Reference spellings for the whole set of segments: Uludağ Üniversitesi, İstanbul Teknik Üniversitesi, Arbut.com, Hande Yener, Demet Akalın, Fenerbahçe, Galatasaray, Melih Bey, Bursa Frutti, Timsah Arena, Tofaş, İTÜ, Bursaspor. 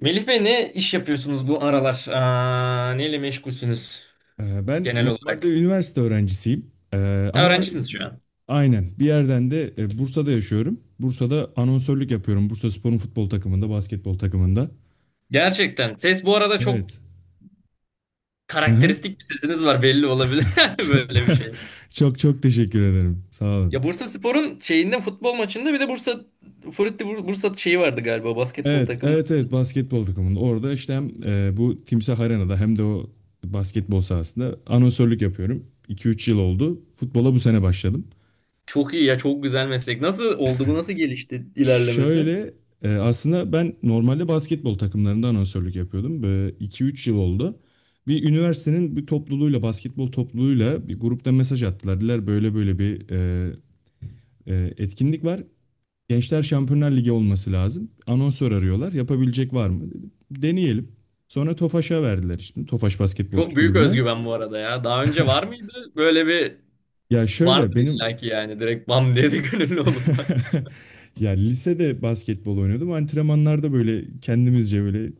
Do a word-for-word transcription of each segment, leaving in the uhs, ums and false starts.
Melih Bey ne iş yapıyorsunuz bu aralar? Aa, neyle meşgulsünüz Ee, Ben genel normalde olarak? üniversite öğrencisiyim. Ee, Ha, ama öğrencisiniz şu an. aynen bir yerden de e, Bursa'da yaşıyorum. Bursa'da anonsörlük yapıyorum. Bursaspor'un futbol takımında, basketbol takımında. Gerçekten. Ses bu arada çok Evet. Aha. karakteristik bir sesiniz var belli olabilir, yani Çok böyle bir şey. çok çok teşekkür ederim. Sağ olun. Ya Bursa Spor'un şeyinde futbol maçında bir de Bursa Frutti Bur- Bursa şeyi vardı galiba, basketbol Evet, takımı. evet, evet, basketbol takımında. Orada işte hem e, bu Timsah Arena'da hem de o basketbol sahasında anonsörlük yapıyorum. iki üç yıl oldu. Futbola bu sene başladım. Çok iyi ya, çok güzel meslek. Nasıl oldu bu, nasıl gelişti ilerlemesi? Şöyle e, aslında ben normalde basketbol takımlarında anonsörlük yapıyordum. Böyle iki üç yıl oldu. Bir üniversitenin bir topluluğuyla, basketbol topluluğuyla bir grupta mesaj attılar. Dediler böyle böyle bir e, e, etkinlik var. Gençler Şampiyonlar Ligi olması lazım. Anonsör arıyorlar. Yapabilecek var mı? Dedim, deneyelim. Sonra Tofaş'a verdiler işte. Tofaş Basketbol Çok büyük Kulübü'ne. özgüven bu arada ya. Daha önce var mıydı böyle bir? Ya Vardır şöyle benim illaki yani, direkt bam dedi de gönüllü olunmaz mı? ya lisede basketbol oynuyordum. Antrenmanlarda böyle kendimizce böyle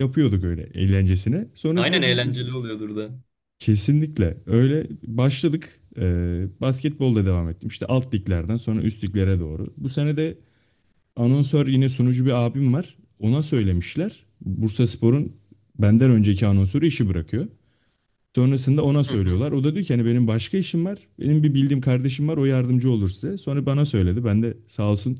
yapıyorduk öyle eğlencesine. Aynen, Sonrasında bir eğlenceli oluyordur da. kesinlikle öyle başladık. Ee, basketbolda devam ettim. İşte alt liglerden sonra üst liglere doğru. Bu sene de anonsör yine sunucu bir abim var. Ona söylemişler. Bursaspor'un benden önceki anonsörü işi bırakıyor. Sonrasında ona Hı hı. söylüyorlar. O da diyor ki hani benim başka işim var. Benim bir bildiğim kardeşim var. O yardımcı olur size. Sonra bana söyledi. Ben de sağ olsun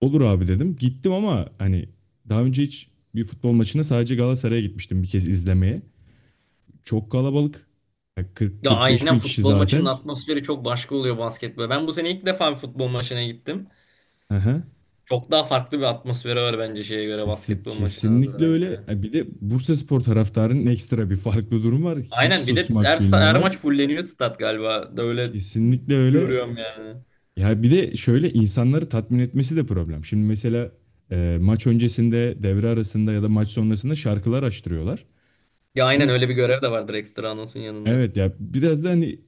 olur abi dedim. Gittim ama hani daha önce hiç bir futbol maçına sadece Galatasaray'a gitmiştim bir kez izlemeye. Çok kalabalık. Ya Ya kırk kırk beş aynen, bin kişi futbol maçının zaten. atmosferi çok başka oluyor, basketbol. Ben bu sene ilk defa bir futbol maçına gittim. Aha. Çok daha farklı bir atmosferi var bence, şeye göre, Kesin- basketbol maçına Kesinlikle nazaran öyle. yani. Ya bir de Bursaspor taraftarının ekstra bir farklı durum var. Hiç Aynen, bir de her, susmak sa- her bilmiyorlar. maç fulleniyor stat galiba. Da öyle Kesinlikle öyle. görüyorum yani. Ya bir de şöyle insanları tatmin etmesi de problem. Şimdi mesela e, maç öncesinde, devre arasında ya da maç sonrasında şarkılar açtırıyorlar. Ya aynen, Bu öyle bir görev de vardır ekstra, anonsun yanında. evet, ya biraz da hani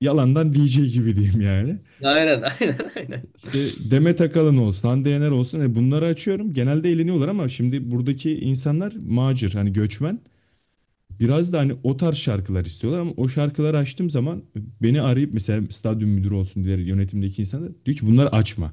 yalandan di cey gibi diyeyim yani. Ya aynen, aynen aynen. İşte Demet Akalın olsun, Hande Yener olsun. E bunları açıyorum. Genelde eğleniyorlar ama şimdi buradaki insanlar macir, hani göçmen. Biraz da hani o tarz şarkılar istiyorlar ama o şarkıları açtım zaman beni arayıp mesela stadyum müdürü olsun diğer yönetimdeki insanlar diyor ki bunları açma.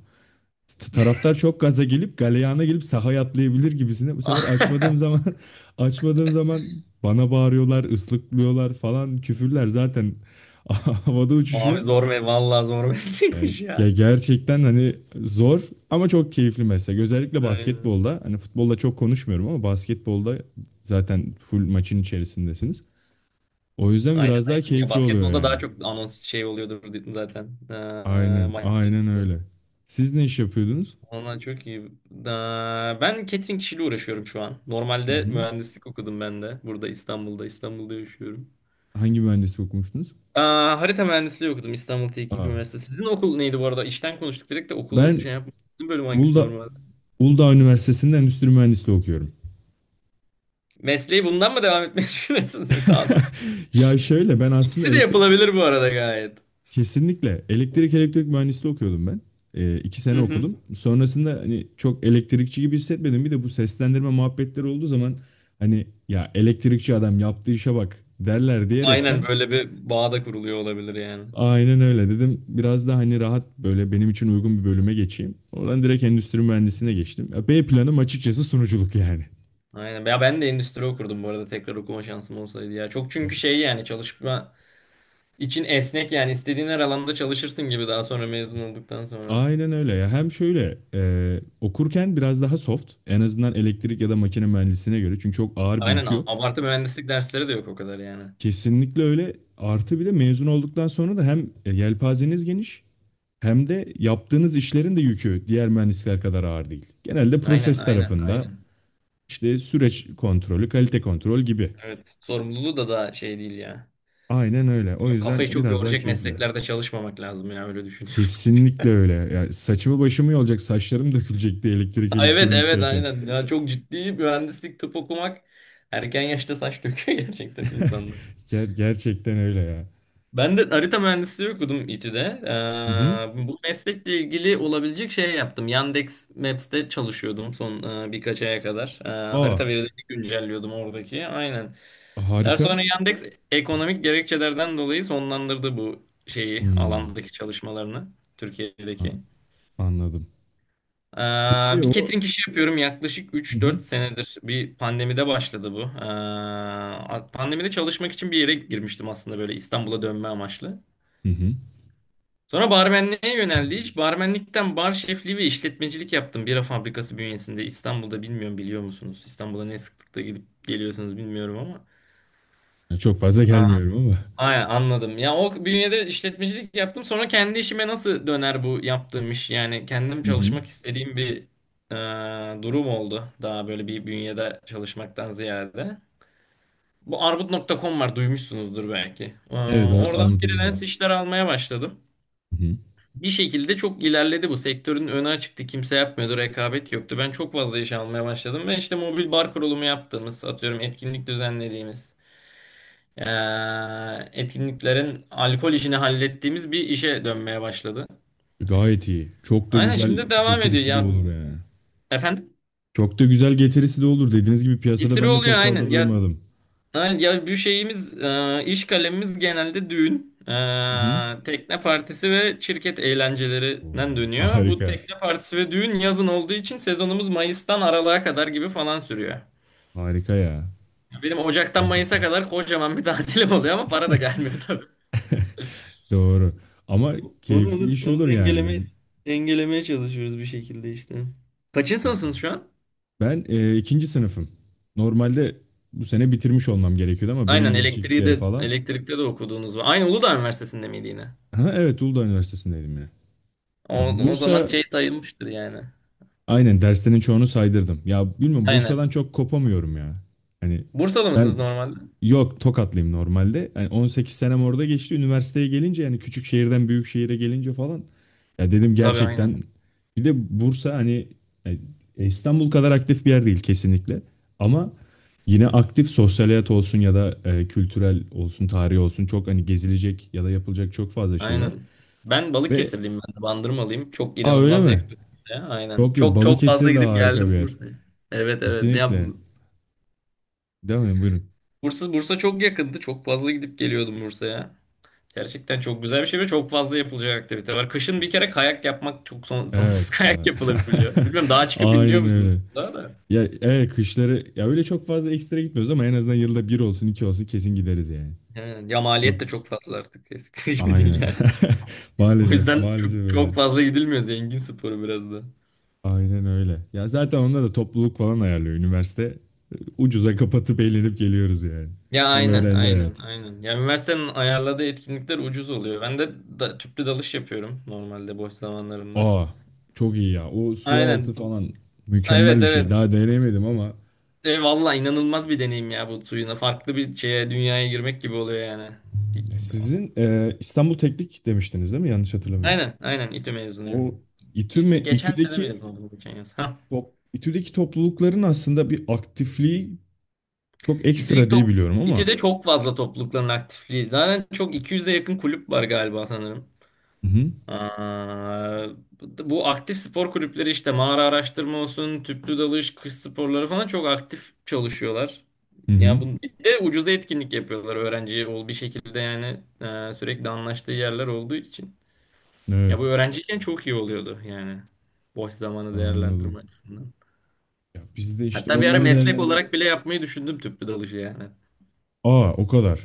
T- Taraftar çok gaza gelip galeyana gelip sahaya atlayabilir gibisine. Bu sefer açmadığım zaman açmadığım zaman bana bağırıyorlar, ıslıklıyorlar falan, küfürler zaten havada Abi uçuşuyor. zor me vallahi zor E, meslekmiş ya. ge- gerçekten hani zor ama çok keyifli meslek. Özellikle Aynen. basketbolda hani futbolda çok konuşmuyorum ama basketbolda zaten full maçın içerisindesiniz. O yüzden Aynen biraz daha aynen. Ya keyifli oluyor basketbolda daha yani. çok anons şey oluyordur zaten, Ee, Aynen, maç aynen sırasında. öyle. Siz ne iş yapıyordunuz? Vallahi çok iyi. Da, ben catering işiyle uğraşıyorum şu an. Hı Normalde hı. mühendislik okudum ben de. Burada İstanbul'da, İstanbul'da yaşıyorum. Hangi mühendislik okumuştunuz? Aa, harita mühendisliği okudum, İstanbul Teknik Aa, Üniversitesi. Sizin okul neydi bu arada? İşten konuştuk direkt de okulu ben şey yapmadık. Sizin bölüm hangisi Uludağ, normalde? Uludağ Üniversitesi'nde endüstri mühendisliği okuyorum. Mesleği bundan mı devam etmeyi düşünüyorsunuz, yoksa anlamadım. Ya şöyle ben aslında İkisi de elektrik. yapılabilir bu arada gayet. Kesinlikle. Elektrik elektrik mühendisliği okuyordum ben. Ee, iki sene Hı hı. okudum. Sonrasında hani çok elektrikçi gibi hissetmedim. Bir de bu seslendirme muhabbetleri olduğu zaman hani ya elektrikçi adam yaptığı işe bak derler Aynen, diyerekten böyle bir bağ da kuruluyor olabilir yani. aynen öyle dedim. Biraz da hani rahat böyle benim için uygun bir bölüme geçeyim. Oradan direkt endüstri mühendisliğine geçtim. Ya B planım açıkçası sunuculuk yani. Aynen. Ya ben de endüstri okurdum bu arada, tekrar okuma şansım olsaydı ya. Çok çünkü şey yani, çalışma İçin esnek yani, istediğin her alanda çalışırsın gibi daha sonra mezun olduktan sonra. Aynen öyle ya. Hem şöyle e, okurken biraz daha soft. En azından elektrik ya da makine mühendisliğine göre. Çünkü çok ağır bir Aynen, yükü yok. abartı mühendislik dersleri de yok o kadar yani. Kesinlikle öyle. Artı bir de mezun olduktan sonra da hem e, yelpazeniz geniş hem de yaptığınız işlerin de yükü diğer mühendisler kadar ağır değil. Genelde Aynen proses aynen tarafında aynen. işte süreç kontrolü, kalite kontrol gibi. Evet. Sorumluluğu da daha şey değil ya. Aynen öyle. O Ya yüzden kafayı çok biraz daha yoracak keyifli. mesleklerde çalışmamak lazım ya, öyle düşünüyorum. Kesinlikle öyle. Ya saçımı başımı yolacak, saçlarım dökülecekti elektrik Evet evet elektronikteyken. aynen. Ya çok ciddi mühendislik, tıp okumak erken yaşta saç döküyor gerçekten insan. Ger- gerçekten öyle ya. Ben de Siz... harita mühendisliği okudum İ T Ü'de. Hı hı. Ee, bu meslekle ilgili olabilecek şey yaptım. Yandex Maps'te çalışıyordum son e, birkaç aya kadar. Ee, Aa, harita verilerini güncelliyordum oradaki. Aynen. Daha harika. sonra Yandex ekonomik gerekçelerden dolayı sonlandırdı bu şeyi, Hmm, alandaki çalışmalarını a- Türkiye'deki. anladım. Ee, Peki bir o... catering işi yapıyorum yaklaşık Hı hı. üç dört senedir. Bir pandemide başladı bu. Ee, pandemide çalışmak için bir yere girmiştim aslında, böyle İstanbul'a dönme amaçlı. Hı hı. Sonra barmenliğe yöneldi iş. Barmenlikten bar şefliği ve işletmecilik yaptım. Bira fabrikası bünyesinde, İstanbul'da, bilmiyorum biliyor musunuz? İstanbul'a ne sıklıkla gidip geliyorsunuz bilmiyorum ama. Yani çok fazla Aa, gelmiyorum ama. aynen anladım. Ya o bünyede işletmecilik yaptım. Sonra kendi işime nasıl döner bu yaptığım iş? Yani kendim Hı hı. çalışmak istediğim bir e, durum oldu. Daha böyle bir bünyede çalışmaktan ziyade. Bu arbut nokta com var, duymuşsunuzdur belki. Evet, Aa, Ar oradan armut oluyor. freelance işler almaya başladım. Hı hı. Bir şekilde çok ilerledi bu. Sektörün önü açıktı. Kimse yapmıyordu. Rekabet yoktu. Ben çok fazla iş almaya başladım. Ben işte mobil bar kurulumu yaptığımız, atıyorum, etkinlik düzenlediğimiz, eee, etkinliklerin alkol işini hallettiğimiz bir işe dönmeye başladı. Gayet iyi. Çok da Aynen, güzel şimdi devam ediyor. getirisi de Ya olur yani. efendim? Çok da güzel getirisi de olur. Dediğiniz gibi piyasada Getiri ben de oluyor, çok fazla aynen. Ya duymadım. Ay, Ya bir şeyimiz, e, iş kalemimiz genelde düğün, Hı hı. e, tekne partisi ve şirket eğlencelerinden Oo. dönüyor. Bu Harika. tekne partisi ve düğün yazın olduğu için sezonumuz Mayıs'tan Aralık'a kadar gibi falan sürüyor. Harika ya. Benim Ocak'tan Mayıs'a Gerçekten. kadar kocaman bir tatilim oluyor ama para da gelmiyor tabii. Doğru. Ama Onu keyifli onu iş onu olur dengelemeye yani. dengelemeye çalışıyoruz bir şekilde işte. Kaçın sınıfsınız şu an? Ben e, ikinci sınıfım. Normalde bu sene bitirmiş olmam gerekiyordu ama bölüm Aynen, elektriği değişiklikleri de falan. elektrikte de okuduğunuz var. Aynı Uludağ Üniversitesi'nde miydi yine? Ha, evet Uludağ Üniversitesi'ndeydim ya. O, Ya o zaman Bursa şey sayılmıştır yani. Aynen derslerin çoğunu saydırdım. Ya bilmiyorum, Bursa'dan Aynen. çok kopamıyorum ya. Hani Bursalı mısınız ben normalde? yok, Tokatlıyım normalde. Yani on sekiz senem orada geçti. Üniversiteye gelince yani küçük şehirden büyük şehire gelince falan ya dedim Tabii, aynen. gerçekten bir de Bursa hani e, e, İstanbul kadar aktif bir yer değil kesinlikle. Ama yine aktif sosyal hayat olsun ya da e, kültürel olsun, tarihi olsun çok hani gezilecek ya da yapılacak çok fazla şey var. Aynen. Ben Ve Balıkesirliyim, ben de Bandırmalıyım. Çok aa, öyle inanılmaz mi? yakın Bursa'ya. Aynen. Yok ya, Çok çok fazla Balıkesir de gidip harika bir geldim yer. Bursa'ya. Evet evet. Ya Kesinlikle. Değil mi? Buyurun. Bursa Bursa çok yakındı. Çok fazla gidip geliyordum Bursa'ya. Gerçekten çok güzel bir şey ve çok fazla yapılacak aktivite var. Kışın bir kere kayak yapmak çok son- sonsuz Evet, kayak evet. yapılabiliyor. Bilmiyorum, daha çıkıp iniyor Aynen musunuz öyle. daha da? Ya evet, kışları ya öyle çok fazla ekstra gitmiyoruz ama en azından yılda bir olsun iki olsun kesin gideriz yani. Evet, ya Yok maliyet de çok fazla artık. Eskisi gibi değil aynen. yani. O Maalesef yüzden maalesef çok, öyle. çok fazla gidilmiyor. Zengin sporu biraz da. Aynen öyle. Ya zaten onda da topluluk falan ayarlıyor üniversite. e, Ucuza kapatıp eğlenip geliyoruz yani. Ya Tam aynen öğrenci aynen hayatı. aynen. Ya üniversitenin ayarladığı etkinlikler ucuz oluyor. Ben de da, tüplü dalış yapıyorum normalde boş zamanlarımda. Aa, çok iyi ya. O su altı Aynen. falan mükemmel Evet bir şey. evet. Daha deneyemedim ama. E, valla inanılmaz bir deneyim ya, bu suyuna. Farklı bir şeye, dünyaya girmek gibi oluyor yani. Sizin e, İstanbul Teknik demiştiniz değil mi? Yanlış hatırlamıyorum. Aynen aynen, İ T Ü mezunuyum. O İTÜ me Biz geçen sene mezun İTÜ'deki olduk, geçen yaz. Ha. top, İTÜ'deki toplulukların aslında bir aktifliği çok İTÜ'deki ekstra diye top, biliyorum ama. İ T Ü'de çok fazla toplulukların aktifliği. Zaten çok iki yüze yakın kulüp var galiba sanırım. Hı hı. Aa, bu aktif spor kulüpleri işte mağara araştırma olsun, tüplü dalış, kış sporları falan çok aktif çalışıyorlar. Hı hı. Ya bu bir de ucuza etkinlik yapıyorlar, öğrenci ol bir şekilde yani, e, sürekli anlaştığı yerler olduğu için. Ya bu Evet, öğrenciyken çok iyi oluyordu yani, boş zamanı anladım. değerlendirme açısından. Ya biz de işte Hatta bir ara onları meslek değerlendirip, olarak bile yapmayı düşündüm, tüplü dalışı yani. aa, o kadar.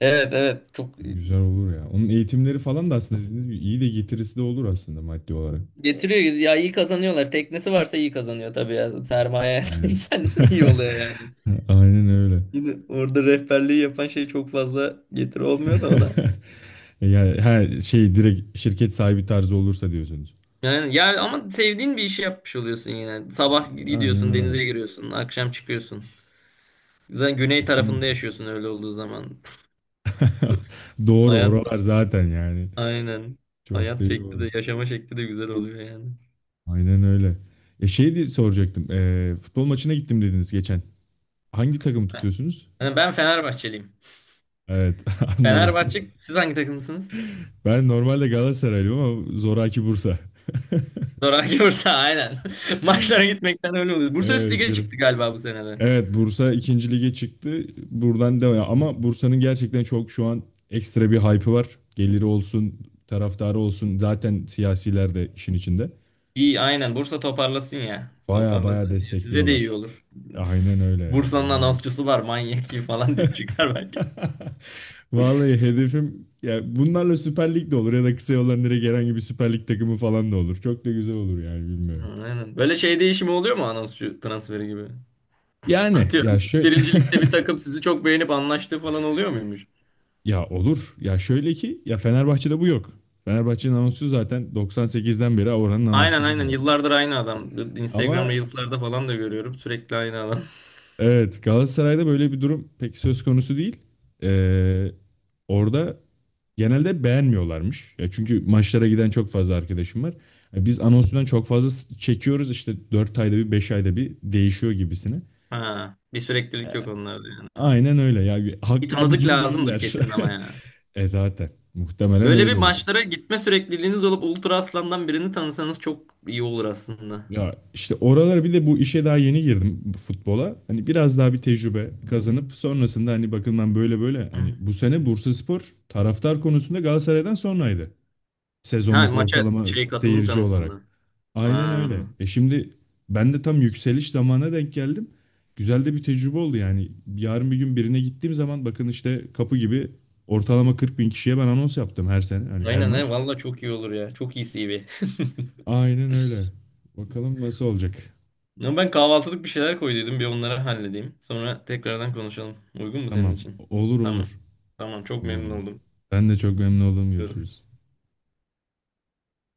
Evet evet, çok Güzel olur ya. Onun eğitimleri falan da aslında dediğiniz gibi iyi de getirisi de olur aslında maddi olarak. getiriyor ya, iyi kazanıyorlar. Teknesi varsa iyi kazanıyor tabii ya. Sermaye Hı. sahipsen iyi oluyor yani. Aynen öyle. Şimdi orada rehberliği yapan şey çok fazla getiri olmuyor da ona. Yani her şey direkt şirket sahibi tarzı olursa diyorsunuz. Yani ya, ama sevdiğin bir işi yapmış oluyorsun yine. Sabah Aynen gidiyorsun, denize, öyle. evet, giriyorsun, akşam çıkıyorsun. Zaten güney tarafında Kesin. yaşıyorsun öyle olduğu zaman. Doğru Hayat oralar zaten yani. aynen. Çok da Hayat iyi şekli oldu. de yaşama şekli de güzel oluyor yani. Aynen öyle. E şey diye soracaktım. E, futbol maçına gittim dediniz geçen. Hangi takımı tutuyorsunuz? Yani ben Fenerbahçeliyim. Evet anladım. Fenerbahçe. Siz hangi takımsınız? Ben normalde Galatasaraylıyım ama zoraki Bursa. Zoraki Bursa, aynen. Maçlara gitmekten öyle oluyor. Bursa Üst Evet, Lig'e bir- çıktı galiba bu senede. evet Bursa ikinci lige çıktı. Buradan devam. Ama Bursa'nın gerçekten çok şu an ekstra bir hype'ı var. Geliri olsun, taraftarı olsun. Zaten siyasiler de işin içinde. İyi, aynen, Bursa toparlasın ya. Baya baya Toparlasın. Ya size de iyi destekliyorlar. olur. Aynen öyle ya. Bursa'nın Vallahi. anonsçusu var manyak iyi falan diye çıkar belki. Vallahi hedefim ya bunlarla Süper Lig de olur ya da kısa yoldan direkt herhangi bir Süper Lig takımı falan da olur. Çok da güzel olur yani Ha, bilmiyorum. aynen. Böyle şey değişimi oluyor mu, anonsçu transferi gibi? Yani ya Atıyorum, şöyle birincilikte bir takım sizi çok beğenip anlaştığı falan oluyor muymuş? ya olur. Ya şöyle ki ya Fenerbahçe'de bu yok. Fenerbahçe'nin anonsçusu zaten doksan sekizden beri oranın Aynen anonsçusu aynen, zaten. yıllardır aynı adam. Instagram Ama Reels'larda falan da görüyorum, sürekli aynı adam. evet, Galatasaray'da böyle bir durum pek söz konusu değil. Ee, orada genelde beğenmiyorlarmış. Ya çünkü maçlara giden çok fazla arkadaşım var. Ya biz anonsundan çok fazla s- çekiyoruz işte dört ayda bir, beş ayda bir değişiyor gibisine. Ha, bir E, süreklilik yok onlarda yani. Aynen öyle ya. Bir Bir Hakkı abi tanıdık gibi lazımdır değiller. kesin ama ya. E zaten muhtemelen Böyle bir öyle olur. maçlara gitme sürekliliğiniz olup Ultra Aslan'dan birini tanısanız çok iyi olur aslında. Ya işte oralara bir de bu işe daha yeni girdim bu futbola. Hani biraz daha bir tecrübe kazanıp sonrasında hani bakın ben böyle böyle hani Hı. bu sene Bursaspor taraftar konusunda Galatasaray'dan sonraydı. Ha, Sezonluk maça ortalama şey, katılım seyirci olarak. kanısında. Aynen Ha. öyle. E şimdi ben de tam yükseliş zamana denk geldim. Güzel de bir tecrübe oldu yani. Yarın bir gün birine gittiğim zaman bakın işte kapı gibi ortalama kırk bin kişiye ben anons yaptım her sene. Hani her Aynen he, maç. valla çok iyi olur ya. Çok iyi C V. Aynen öyle. Bakalım nasıl olacak. Ama ben kahvaltılık bir şeyler koyduydum. Bir onları halledeyim, sonra tekrardan konuşalım. Uygun mu senin Tamam. için? Olur, Tamam. olur. Tamam, çok memnun Tamamdır. oldum. Ben de çok memnun oldum. Görüşürüz.